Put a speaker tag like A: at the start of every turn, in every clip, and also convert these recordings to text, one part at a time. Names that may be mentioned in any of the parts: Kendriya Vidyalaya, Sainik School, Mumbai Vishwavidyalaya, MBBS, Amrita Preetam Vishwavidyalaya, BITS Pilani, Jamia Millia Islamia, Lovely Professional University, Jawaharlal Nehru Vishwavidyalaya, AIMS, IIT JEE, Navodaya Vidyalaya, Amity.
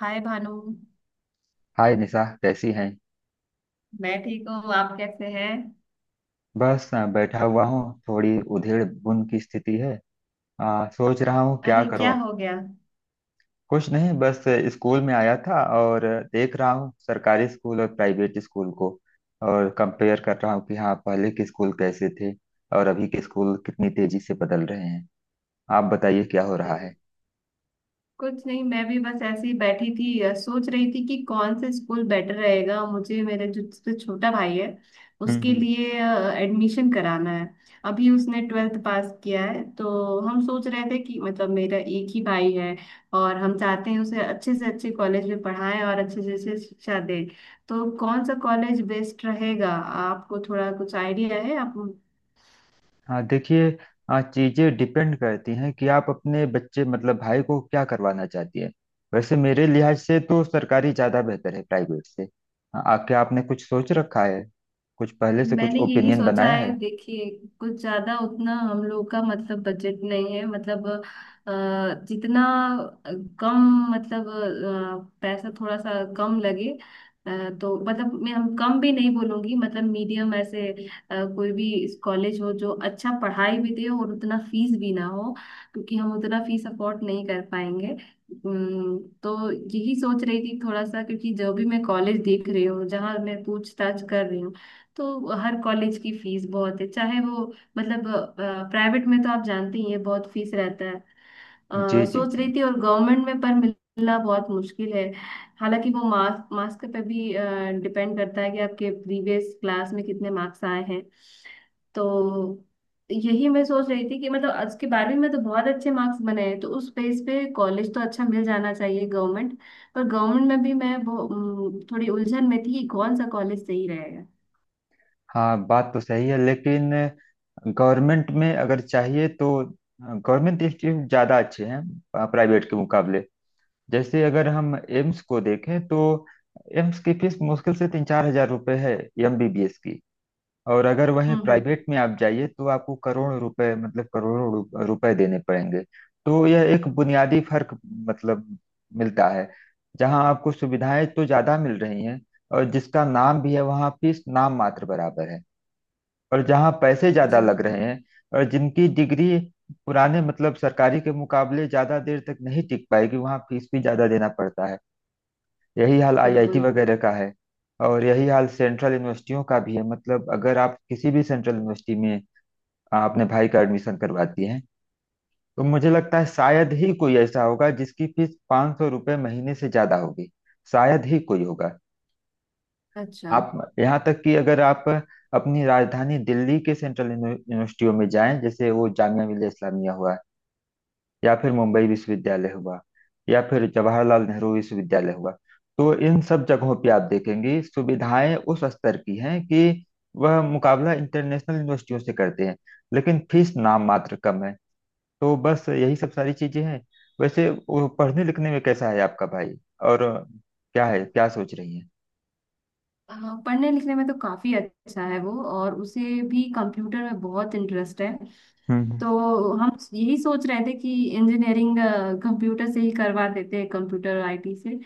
A: हाय Bhanu.
B: Hi Nisha, कैसी हैं।
A: मैं ठीक हूँ, आप कैसे हैं?
B: बस बैठा हुआ हूँ। थोड़ी उधेड़ बुन की स्थिति है। सोच रहा हूँ क्या
A: अरे
B: करो।
A: क्या हो गया?
B: कुछ नहीं, बस स्कूल में आया था, और देख रहा हूँ सरकारी स्कूल और प्राइवेट स्कूल को। और कंपेयर कर रहा हूँ कि हाँ पहले के स्कूल कैसे थे और अभी के स्कूल कितनी तेजी से बदल रहे हैं। आप बताइए क्या हो रहा है।
A: कुछ नहीं, मैं भी बस ऐसे ही बैठी थी। सोच रही थी कि कौन से स्कूल बेटर रहेगा मुझे, मेरे जो सबसे छोटा भाई है
B: हम्म
A: उसके
B: हम्म।
A: लिए। एडमिशन कराना है। अभी उसने 12th पास किया है, तो हम सोच रहे थे कि मतलब मेरा एक ही भाई है और हम चाहते हैं उसे अच्छे से अच्छे कॉलेज में पढ़ाएं और अच्छे से अच्छे शिक्षा दें। तो कौन सा कॉलेज बेस्ट रहेगा? आपको थोड़ा कुछ आइडिया है आप?
B: हाँ देखिए, चीजें डिपेंड करती हैं कि आप अपने बच्चे मतलब भाई को क्या करवाना चाहती हैं। वैसे मेरे लिहाज से तो सरकारी ज्यादा बेहतर है प्राइवेट से। हाँ, क्या आपने कुछ सोच रखा है, कुछ पहले से कुछ
A: मैंने यही
B: ओपिनियन
A: सोचा
B: बनाया
A: है,
B: है।
A: देखिए कुछ ज्यादा उतना हम लोग का मतलब बजट नहीं है। मतलब अ, जितना कम, मतलब पैसा थोड़ा सा कम लगे। तो मतलब मैं हम कम भी नहीं बोलूंगी, मतलब मीडियम ऐसे। कोई भी कॉलेज हो जो अच्छा पढ़ाई भी दे और उतना फीस भी ना हो, क्योंकि हम उतना फीस अफोर्ड नहीं कर पाएंगे। तो यही सोच रही थी थोड़ा सा, क्योंकि जो भी मैं कॉलेज देख रही हूँ, जहाँ मैं पूछताछ कर रही हूँ, तो हर कॉलेज की फीस बहुत है। चाहे वो मतलब प्राइवेट में तो आप जानते ही हैं, बहुत फीस रहता है।
B: जी जी
A: सोच
B: जी।
A: रही थी, और गवर्नमेंट में पर मिलना बहुत मुश्किल है। हालांकि वो मार्क्स, मार्क्स पे भी डिपेंड करता है कि आपके प्रीवियस क्लास में कितने मार्क्स आए हैं। तो यही मैं सोच रही थी कि मतलब आज के बारहवीं में तो बहुत अच्छे मार्क्स बने हैं, तो उस बेस पे कॉलेज तो अच्छा मिल जाना चाहिए गवर्नमेंट। पर गवर्नमेंट में भी मैं थोड़ी उलझन में थी कि कौन सा कॉलेज सही रहेगा।
B: हाँ बात तो सही है, लेकिन गवर्नमेंट में अगर चाहिए तो गवर्नमेंट इंस्टीट्यूट ज़्यादा अच्छे हैं प्राइवेट के मुकाबले। जैसे अगर हम एम्स को देखें तो एम्स की फीस मुश्किल से 3-4 हज़ार रुपये है, एमबीबीएस की। और अगर वहीं
A: हम्म।
B: प्राइवेट में आप जाइए तो आपको करोड़ों रुपए, मतलब करोड़ों रुपए देने पड़ेंगे। तो यह एक बुनियादी फर्क मतलब मिलता है। जहां आपको सुविधाएं तो ज्यादा मिल रही हैं और जिसका नाम भी है, वहां फीस नाम मात्र बराबर है। और जहां पैसे ज्यादा
A: जी
B: लग रहे हैं और जिनकी डिग्री पुराने मतलब सरकारी के मुकाबले ज्यादा देर तक नहीं टिक पाएगी, वहां फीस भी ज्यादा देना पड़ता है। यही हाल आईआईटी
A: बिल्कुल।
B: वगैरह का है। और यही हाल सेंट्रल यूनिवर्सिटियों का भी है। मतलब अगर आप किसी भी सेंट्रल यूनिवर्सिटी में अपने भाई का एडमिशन करवाती हैं, तो मुझे लगता है शायद ही कोई ऐसा होगा जिसकी फीस 500 रुपये महीने से ज़्यादा होगी। शायद ही कोई होगा।
A: अच्छा।
B: आप, यहाँ तक कि अगर आप अपनी राजधानी दिल्ली के सेंट्रल यूनिवर्सिटियों में जाएं, जैसे वो जामिया मिल्लिया इस्लामिया हुआ, या फिर मुंबई विश्वविद्यालय हुआ, या फिर जवाहरलाल नेहरू विश्वविद्यालय हुआ, तो इन सब जगहों पे आप देखेंगे सुविधाएं उस स्तर की हैं कि वह मुकाबला इंटरनेशनल यूनिवर्सिटियों से करते हैं, लेकिन फीस नाम मात्र कम है। तो बस यही सब सारी चीजें हैं। वैसे वो पढ़ने लिखने में कैसा है आपका भाई, और क्या है, क्या सोच रही है।
A: हाँ पढ़ने लिखने में तो काफी अच्छा है वो, और उसे भी कंप्यूटर में बहुत इंटरेस्ट है।
B: हम्म।
A: तो हम यही सोच रहे थे कि इंजीनियरिंग कंप्यूटर से ही करवा देते हैं, कंप्यूटर आईटी से।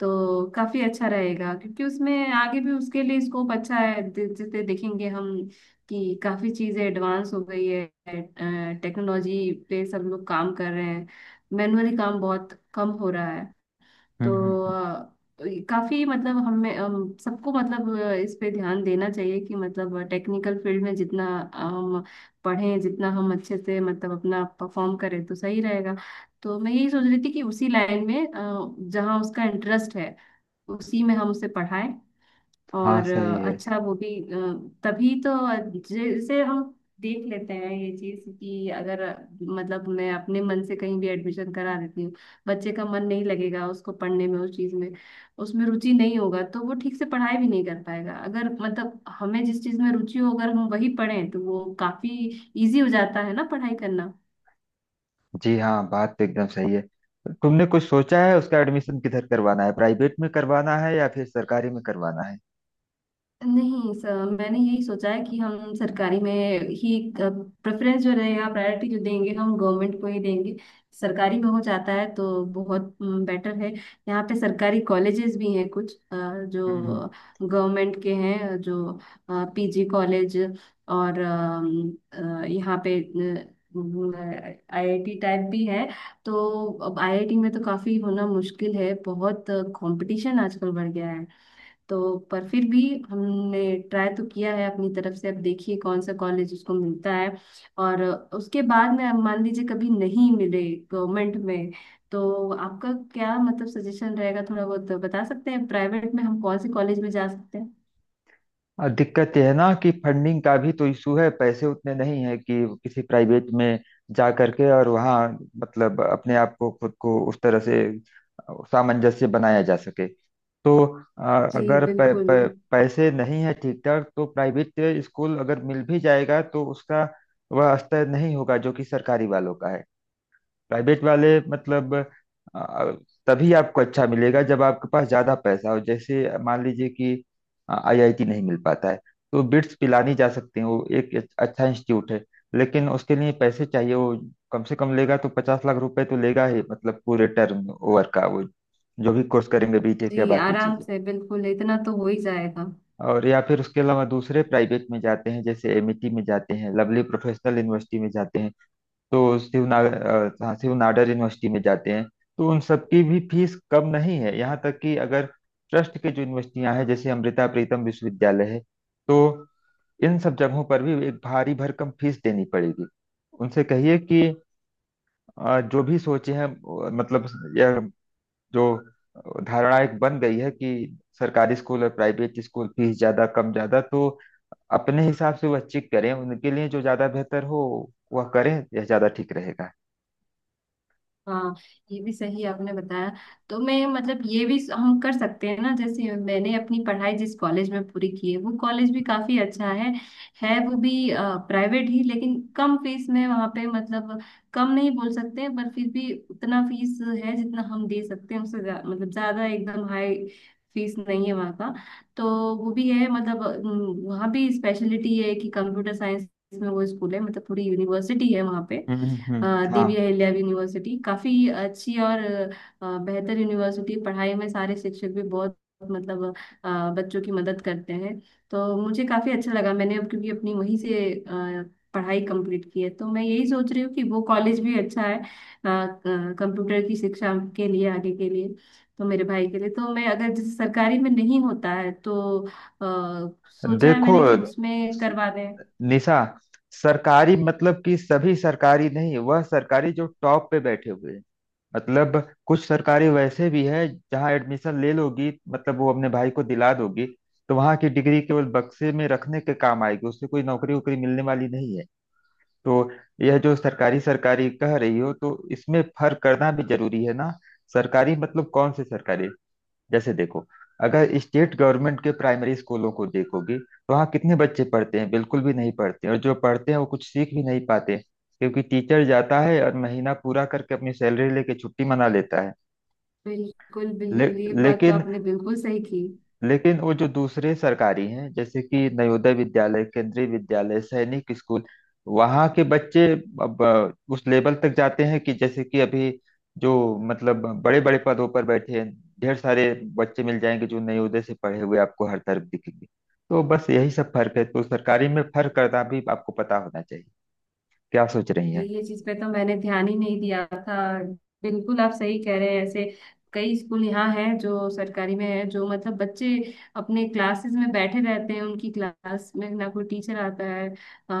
A: तो काफी अच्छा रहेगा, क्योंकि उसमें आगे भी उसके लिए स्कोप अच्छा है। जैसे देखेंगे हम कि काफी चीजें एडवांस हो गई है। टेक्नोलॉजी पे सब लोग काम कर रहे हैं, मैनुअली काम बहुत कम हो रहा है। तो
B: हम्म, हम्म।
A: अ, ये काफी मतलब हमें सबको मतलब इस पे ध्यान देना चाहिए कि मतलब टेक्निकल फील्ड में जितना हम पढ़ें, जितना हम अच्छे से मतलब अपना परफॉर्म करें तो सही रहेगा। तो मैं यही सोच रही थी कि उसी लाइन में जहाँ उसका इंटरेस्ट है उसी में हम उसे पढ़ाएं
B: हाँ
A: और
B: सही है।
A: अच्छा वो भी तभी तो जैसे हम देख लेते हैं ये चीज कि अगर मतलब मैं अपने मन से कहीं भी एडमिशन करा देती हूँ, बच्चे का मन नहीं लगेगा उसको पढ़ने में, उस चीज में उसमें रुचि नहीं होगा तो वो ठीक से पढ़ाई भी नहीं कर पाएगा। अगर मतलब हमें जिस चीज में रुचि हो, अगर हम वही पढ़ें तो वो काफी इजी हो जाता है ना पढ़ाई करना।
B: जी हाँ, बात तो एकदम सही है। तुमने कुछ सोचा है उसका एडमिशन किधर करवाना है, प्राइवेट में करवाना है या फिर सरकारी में करवाना है।
A: नहीं सर, मैंने यही सोचा है कि हम सरकारी में ही प्रेफरेंस जो रहेगा, प्रायोरिटी जो देंगे हम गवर्नमेंट को ही देंगे। सरकारी में हो जाता है तो बहुत बेटर है। यहाँ पे सरकारी कॉलेजेस भी हैं कुछ,
B: हम्म।
A: जो गवर्नमेंट के हैं, जो पीजी कॉलेज, और यहाँ पे आईआईटी टाइप भी है। तो अब आईआईटी में तो काफी होना मुश्किल है, बहुत कंपटीशन आजकल बढ़ गया है। तो पर फिर भी हमने ट्राई तो किया है अपनी तरफ से। अब देखिए कौन सा कॉलेज उसको मिलता है। और उसके बाद में, अब मान लीजिए कभी नहीं मिले गवर्नमेंट में, तो आपका क्या मतलब सजेशन रहेगा? थोड़ा बहुत बता सकते हैं प्राइवेट में हम कौन से कॉलेज में जा सकते हैं?
B: और दिक्कत यह है ना कि फंडिंग का भी तो इशू है, पैसे उतने नहीं है कि किसी प्राइवेट में जा करके और वहाँ मतलब अपने आप को खुद को उस तरह से सामंजस्य बनाया जा सके। तो
A: जी
B: अगर प,
A: बिल्कुल।
B: पैसे नहीं है ठीक ठाक, तो प्राइवेट स्कूल अगर मिल भी जाएगा तो उसका वह स्तर नहीं होगा जो कि सरकारी वालों का है। प्राइवेट वाले मतलब अ, तभी आपको अच्छा मिलेगा जब आपके पास ज्यादा पैसा हो। जैसे मान लीजिए कि आईआईटी नहीं मिल पाता है, तो बिट्स पिलानी जा सकते हैं, वो एक अच्छा इंस्टीट्यूट है। लेकिन उसके लिए पैसे चाहिए। वो कम से कम लेगा तो 50 लाख रुपए तो लेगा ही, मतलब पूरे टर्म ओवर का, वो जो भी कोर्स करेंगे बीटेक या
A: जी
B: बाकी
A: आराम
B: चीजें।
A: से, बिल्कुल इतना तो हो ही जाएगा।
B: और या फिर उसके अलावा दूसरे प्राइवेट में जाते हैं, जैसे एमिटी में जाते हैं, लवली प्रोफेशनल यूनिवर्सिटी में जाते हैं, तो शिवनाडर यूनिवर्सिटी में जाते हैं, तो उन सबकी भी फीस कम नहीं है। यहाँ तक कि अगर ट्रस्ट के जो यूनिवर्सिटियां हैं, जैसे अमृता प्रीतम विश्वविद्यालय है, तो इन सब जगहों पर भी एक भारी भरकम फीस देनी पड़ेगी। उनसे कहिए कि जो भी सोचे हैं, मतलब यह जो धारणा एक बन गई है कि सरकारी स्कूल और प्राइवेट स्कूल फीस ज्यादा कम ज्यादा, तो अपने हिसाब से वह चेक करें, उनके लिए जो ज्यादा बेहतर हो वह करें, यह ज्यादा ठीक रहेगा।
A: हाँ, ये भी सही आपने बताया। तो मैं मतलब ये भी हम कर सकते हैं ना, जैसे मैंने अपनी पढ़ाई जिस कॉलेज में पूरी की है वो कॉलेज भी काफी अच्छा है। है वो भी प्राइवेट ही, लेकिन कम फीस में। वहाँ पे मतलब कम नहीं बोल सकते, पर फिर भी उतना फीस है जितना हम दे सकते हैं। उससे मतलब ज्यादा एकदम हाई फीस नहीं है वहाँ का। तो वो भी है, मतलब वहाँ भी स्पेशलिटी है कि कंप्यूटर साइंस में वो स्कूल है, मतलब पूरी यूनिवर्सिटी है वहाँ पे। अ,
B: हाँ।
A: देवी अहिल्या यूनिवर्सिटी काफी अच्छी और बेहतर यूनिवर्सिटी है। पढ़ाई में सारे शिक्षक भी बहुत मतलब बच्चों की मदद करते हैं। तो मुझे काफी अच्छा लगा, मैंने अब क्योंकि अपनी वहीं से पढ़ाई कंप्लीट की है, तो मैं यही सोच रही हूँ कि वो कॉलेज भी अच्छा है कंप्यूटर की शिक्षा के लिए, आगे के लिए। तो मेरे भाई के लिए तो मैं, अगर जैसे सरकारी में नहीं होता है तो अ, सोचा है
B: देखो
A: मैंने कि उसमें करवा दें।
B: निशा, सरकारी मतलब कि सभी सरकारी नहीं, वह सरकारी जो टॉप पे बैठे हुए हैं। मतलब कुछ सरकारी वैसे भी है जहाँ एडमिशन ले लोगी मतलब वो अपने भाई को दिला दोगी, तो वहाँ की डिग्री केवल बक्से में रखने के काम आएगी, उससे कोई नौकरी वोकरी मिलने वाली नहीं है। तो यह जो सरकारी सरकारी कह रही हो, तो इसमें फर्क करना भी जरूरी है ना। सरकारी मतलब कौन से सरकारी। जैसे देखो, अगर स्टेट गवर्नमेंट के प्राइमरी स्कूलों को देखोगे तो वहाँ कितने बच्चे पढ़ते हैं, बिल्कुल भी नहीं पढ़ते। और जो पढ़ते हैं वो कुछ सीख भी नहीं पाते क्योंकि टीचर जाता है और महीना पूरा करके अपनी सैलरी लेके छुट्टी मना लेता है।
A: बिल्कुल,
B: ले,
A: बिल्कुल, ये बात तो
B: लेकिन,
A: आपने बिल्कुल सही की।
B: लेकिन वो जो दूसरे सरकारी हैं, जैसे कि नवोदय विद्यालय, केंद्रीय विद्यालय, सैनिक स्कूल, वहाँ के बच्चे अब उस लेवल तक जाते हैं कि जैसे कि अभी जो मतलब बड़े बड़े पदों पर बैठे हैं, ढेर सारे बच्चे मिल जाएंगे जो नवोदय से पढ़े हुए आपको हर तरफ दिखेंगे। तो बस यही सब फर्क है, तो सरकारी में फर्क करना भी आपको पता होना चाहिए। क्या सोच रही हैं।
A: ये चीज पे तो मैंने ध्यान ही नहीं दिया था। बिल्कुल आप सही कह रहे हैं, ऐसे कई स्कूल यहाँ हैं जो सरकारी में है, जो मतलब बच्चे अपने क्लासेस में बैठे रहते हैं, उनकी क्लास में ना कोई टीचर आता है आ,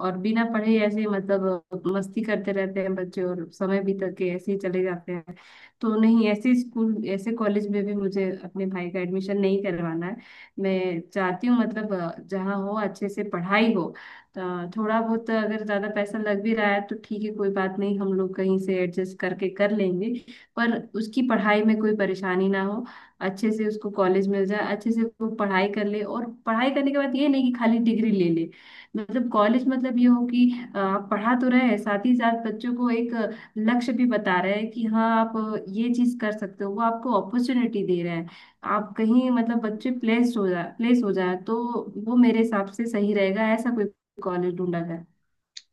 A: और बिना पढ़े ऐसे मतलब मस्ती करते रहते हैं बच्चे, और समय बीत के ऐसे ही चले जाते हैं। तो नहीं, ऐसे स्कूल, ऐसे कॉलेज में भी मुझे अपने भाई का एडमिशन नहीं करवाना है। मैं चाहती हूँ मतलब जहाँ हो अच्छे से पढ़ाई हो। थोड़ा बहुत अगर ज्यादा पैसा लग भी रहा है तो ठीक है, कोई बात नहीं, हम लोग कहीं से एडजस्ट करके कर लेंगे। पर उसकी पढ़ाई में कोई परेशानी ना हो। अच्छे से उसको कॉलेज मिल जाए, अच्छे से वो पढ़ाई कर ले और पढ़ाई करने के बाद ये नहीं कि खाली डिग्री ले ले। मतलब कॉलेज मतलब ये हो कि आप पढ़ा तो रहे हैं, साथ ही साथ बच्चों को एक लक्ष्य भी बता रहे हैं कि हाँ आप ये चीज कर सकते हो, वो आपको अपॉर्चुनिटी दे रहे हैं। आप कहीं मतलब बच्चे प्लेस हो जाए, प्लेस हो जाए, तो वो मेरे हिसाब से सही रहेगा। ऐसा कोई कॉलेज ढूंढा जाए।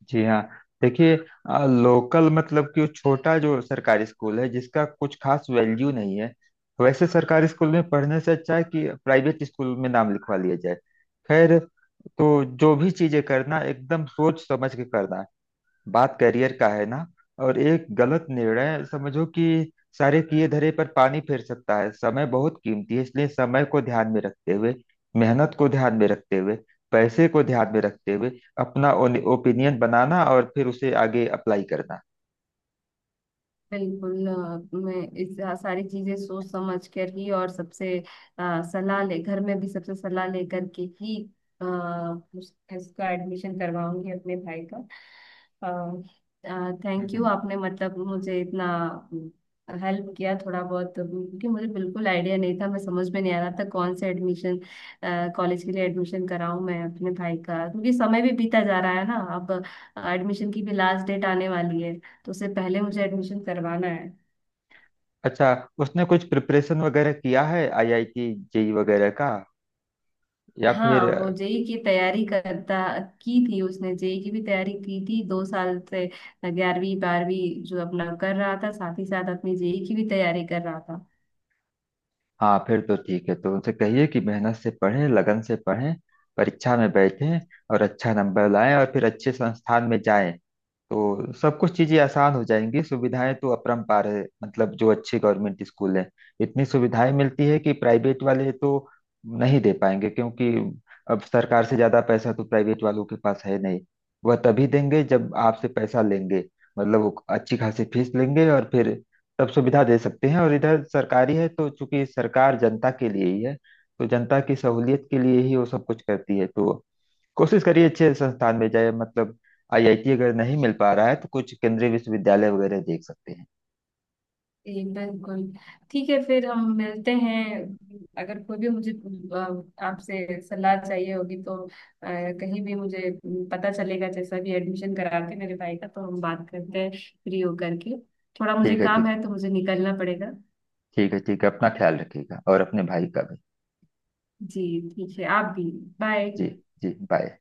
B: जी हाँ, देखिए, लोकल मतलब कि वो छोटा जो सरकारी स्कूल है जिसका कुछ खास वैल्यू नहीं है, वैसे सरकारी स्कूल में पढ़ने से अच्छा है कि प्राइवेट स्कूल में नाम लिखवा लिया जाए। खैर, तो जो भी चीजें करना एकदम सोच समझ के करना। बात करियर का है ना, और एक गलत निर्णय समझो कि सारे किए धरे पर पानी फेर सकता है। समय बहुत कीमती है, इसलिए समय को ध्यान में रखते हुए, मेहनत को ध्यान में रखते हुए, पैसे को ध्यान में रखते हुए अपना ओपिनियन बनाना और फिर उसे आगे अप्लाई करना।
A: बिल्कुल, मैं इस सारी चीजें सोच समझ कर ही, और सबसे सलाह ले, घर में भी सबसे सलाह लेकर के ही अ, इसका एडमिशन करवाऊंगी अपने भाई का। Thank you,
B: hmm.
A: आपने मतलब मुझे इतना हेल्प किया थोड़ा बहुत, क्योंकि मुझे बिल्कुल आइडिया नहीं था, मैं समझ में नहीं आ रहा था कौन से एडमिशन कॉलेज के लिए एडमिशन कराऊं मैं अपने भाई का, क्योंकि समय भी बीता जा रहा है ना अब। एडमिशन की भी लास्ट डेट आने वाली है, तो उससे पहले मुझे एडमिशन करवाना है।
B: अच्छा, उसने कुछ प्रिपरेशन वगैरह किया है आईआईटी जेई वगैरह का, या
A: हाँ
B: फिर?
A: वो जेई की तैयारी करता की थी, उसने जेई की भी तैयारी की थी 2 साल से। ग्यारहवीं बारहवीं जो अपना कर रहा था, साथ ही साथ अपनी जेई की भी तैयारी कर रहा था।
B: हाँ फिर तो ठीक है। तो उनसे कहिए कि मेहनत से पढ़ें, लगन से पढ़ें, परीक्षा में बैठें और अच्छा नंबर लाएं और फिर अच्छे संस्थान में जाएं। तो सब कुछ चीजें आसान हो जाएंगी। सुविधाएं तो अपरंपार है, मतलब जो अच्छे गवर्नमेंट स्कूल हैं इतनी सुविधाएं मिलती है कि प्राइवेट वाले तो नहीं दे पाएंगे। क्योंकि अब सरकार से ज्यादा पैसा तो प्राइवेट वालों के पास है नहीं, वह तभी देंगे जब आपसे पैसा लेंगे। मतलब वो अच्छी खासी फीस लेंगे और फिर तब सुविधा दे सकते हैं। और इधर सरकारी है, तो चूंकि सरकार जनता के लिए ही है, तो जनता की सहूलियत के लिए ही वो सब कुछ करती है। तो कोशिश करिए अच्छे संस्थान में जाए, मतलब आईआईटी अगर नहीं मिल पा रहा है तो कुछ केंद्रीय विश्वविद्यालय वगैरह देख सकते हैं।
A: जी, बिल्कुल। ठीक है, फिर हम मिलते हैं। अगर कोई भी मुझे आपसे सलाह चाहिए होगी तो कहीं भी मुझे पता चलेगा। जैसा भी एडमिशन करा के मेरे भाई का, तो हम बात करते हैं फ्री होकर के। थोड़ा मुझे
B: ठीक है,
A: काम
B: ठीक।
A: है तो मुझे निकलना पड़ेगा।
B: ठीक है, ठीक है, अपना ख्याल रखिएगा और अपने भाई का भी।
A: जी, ठीक है, आप भी। बाय।
B: जी। जी बाय।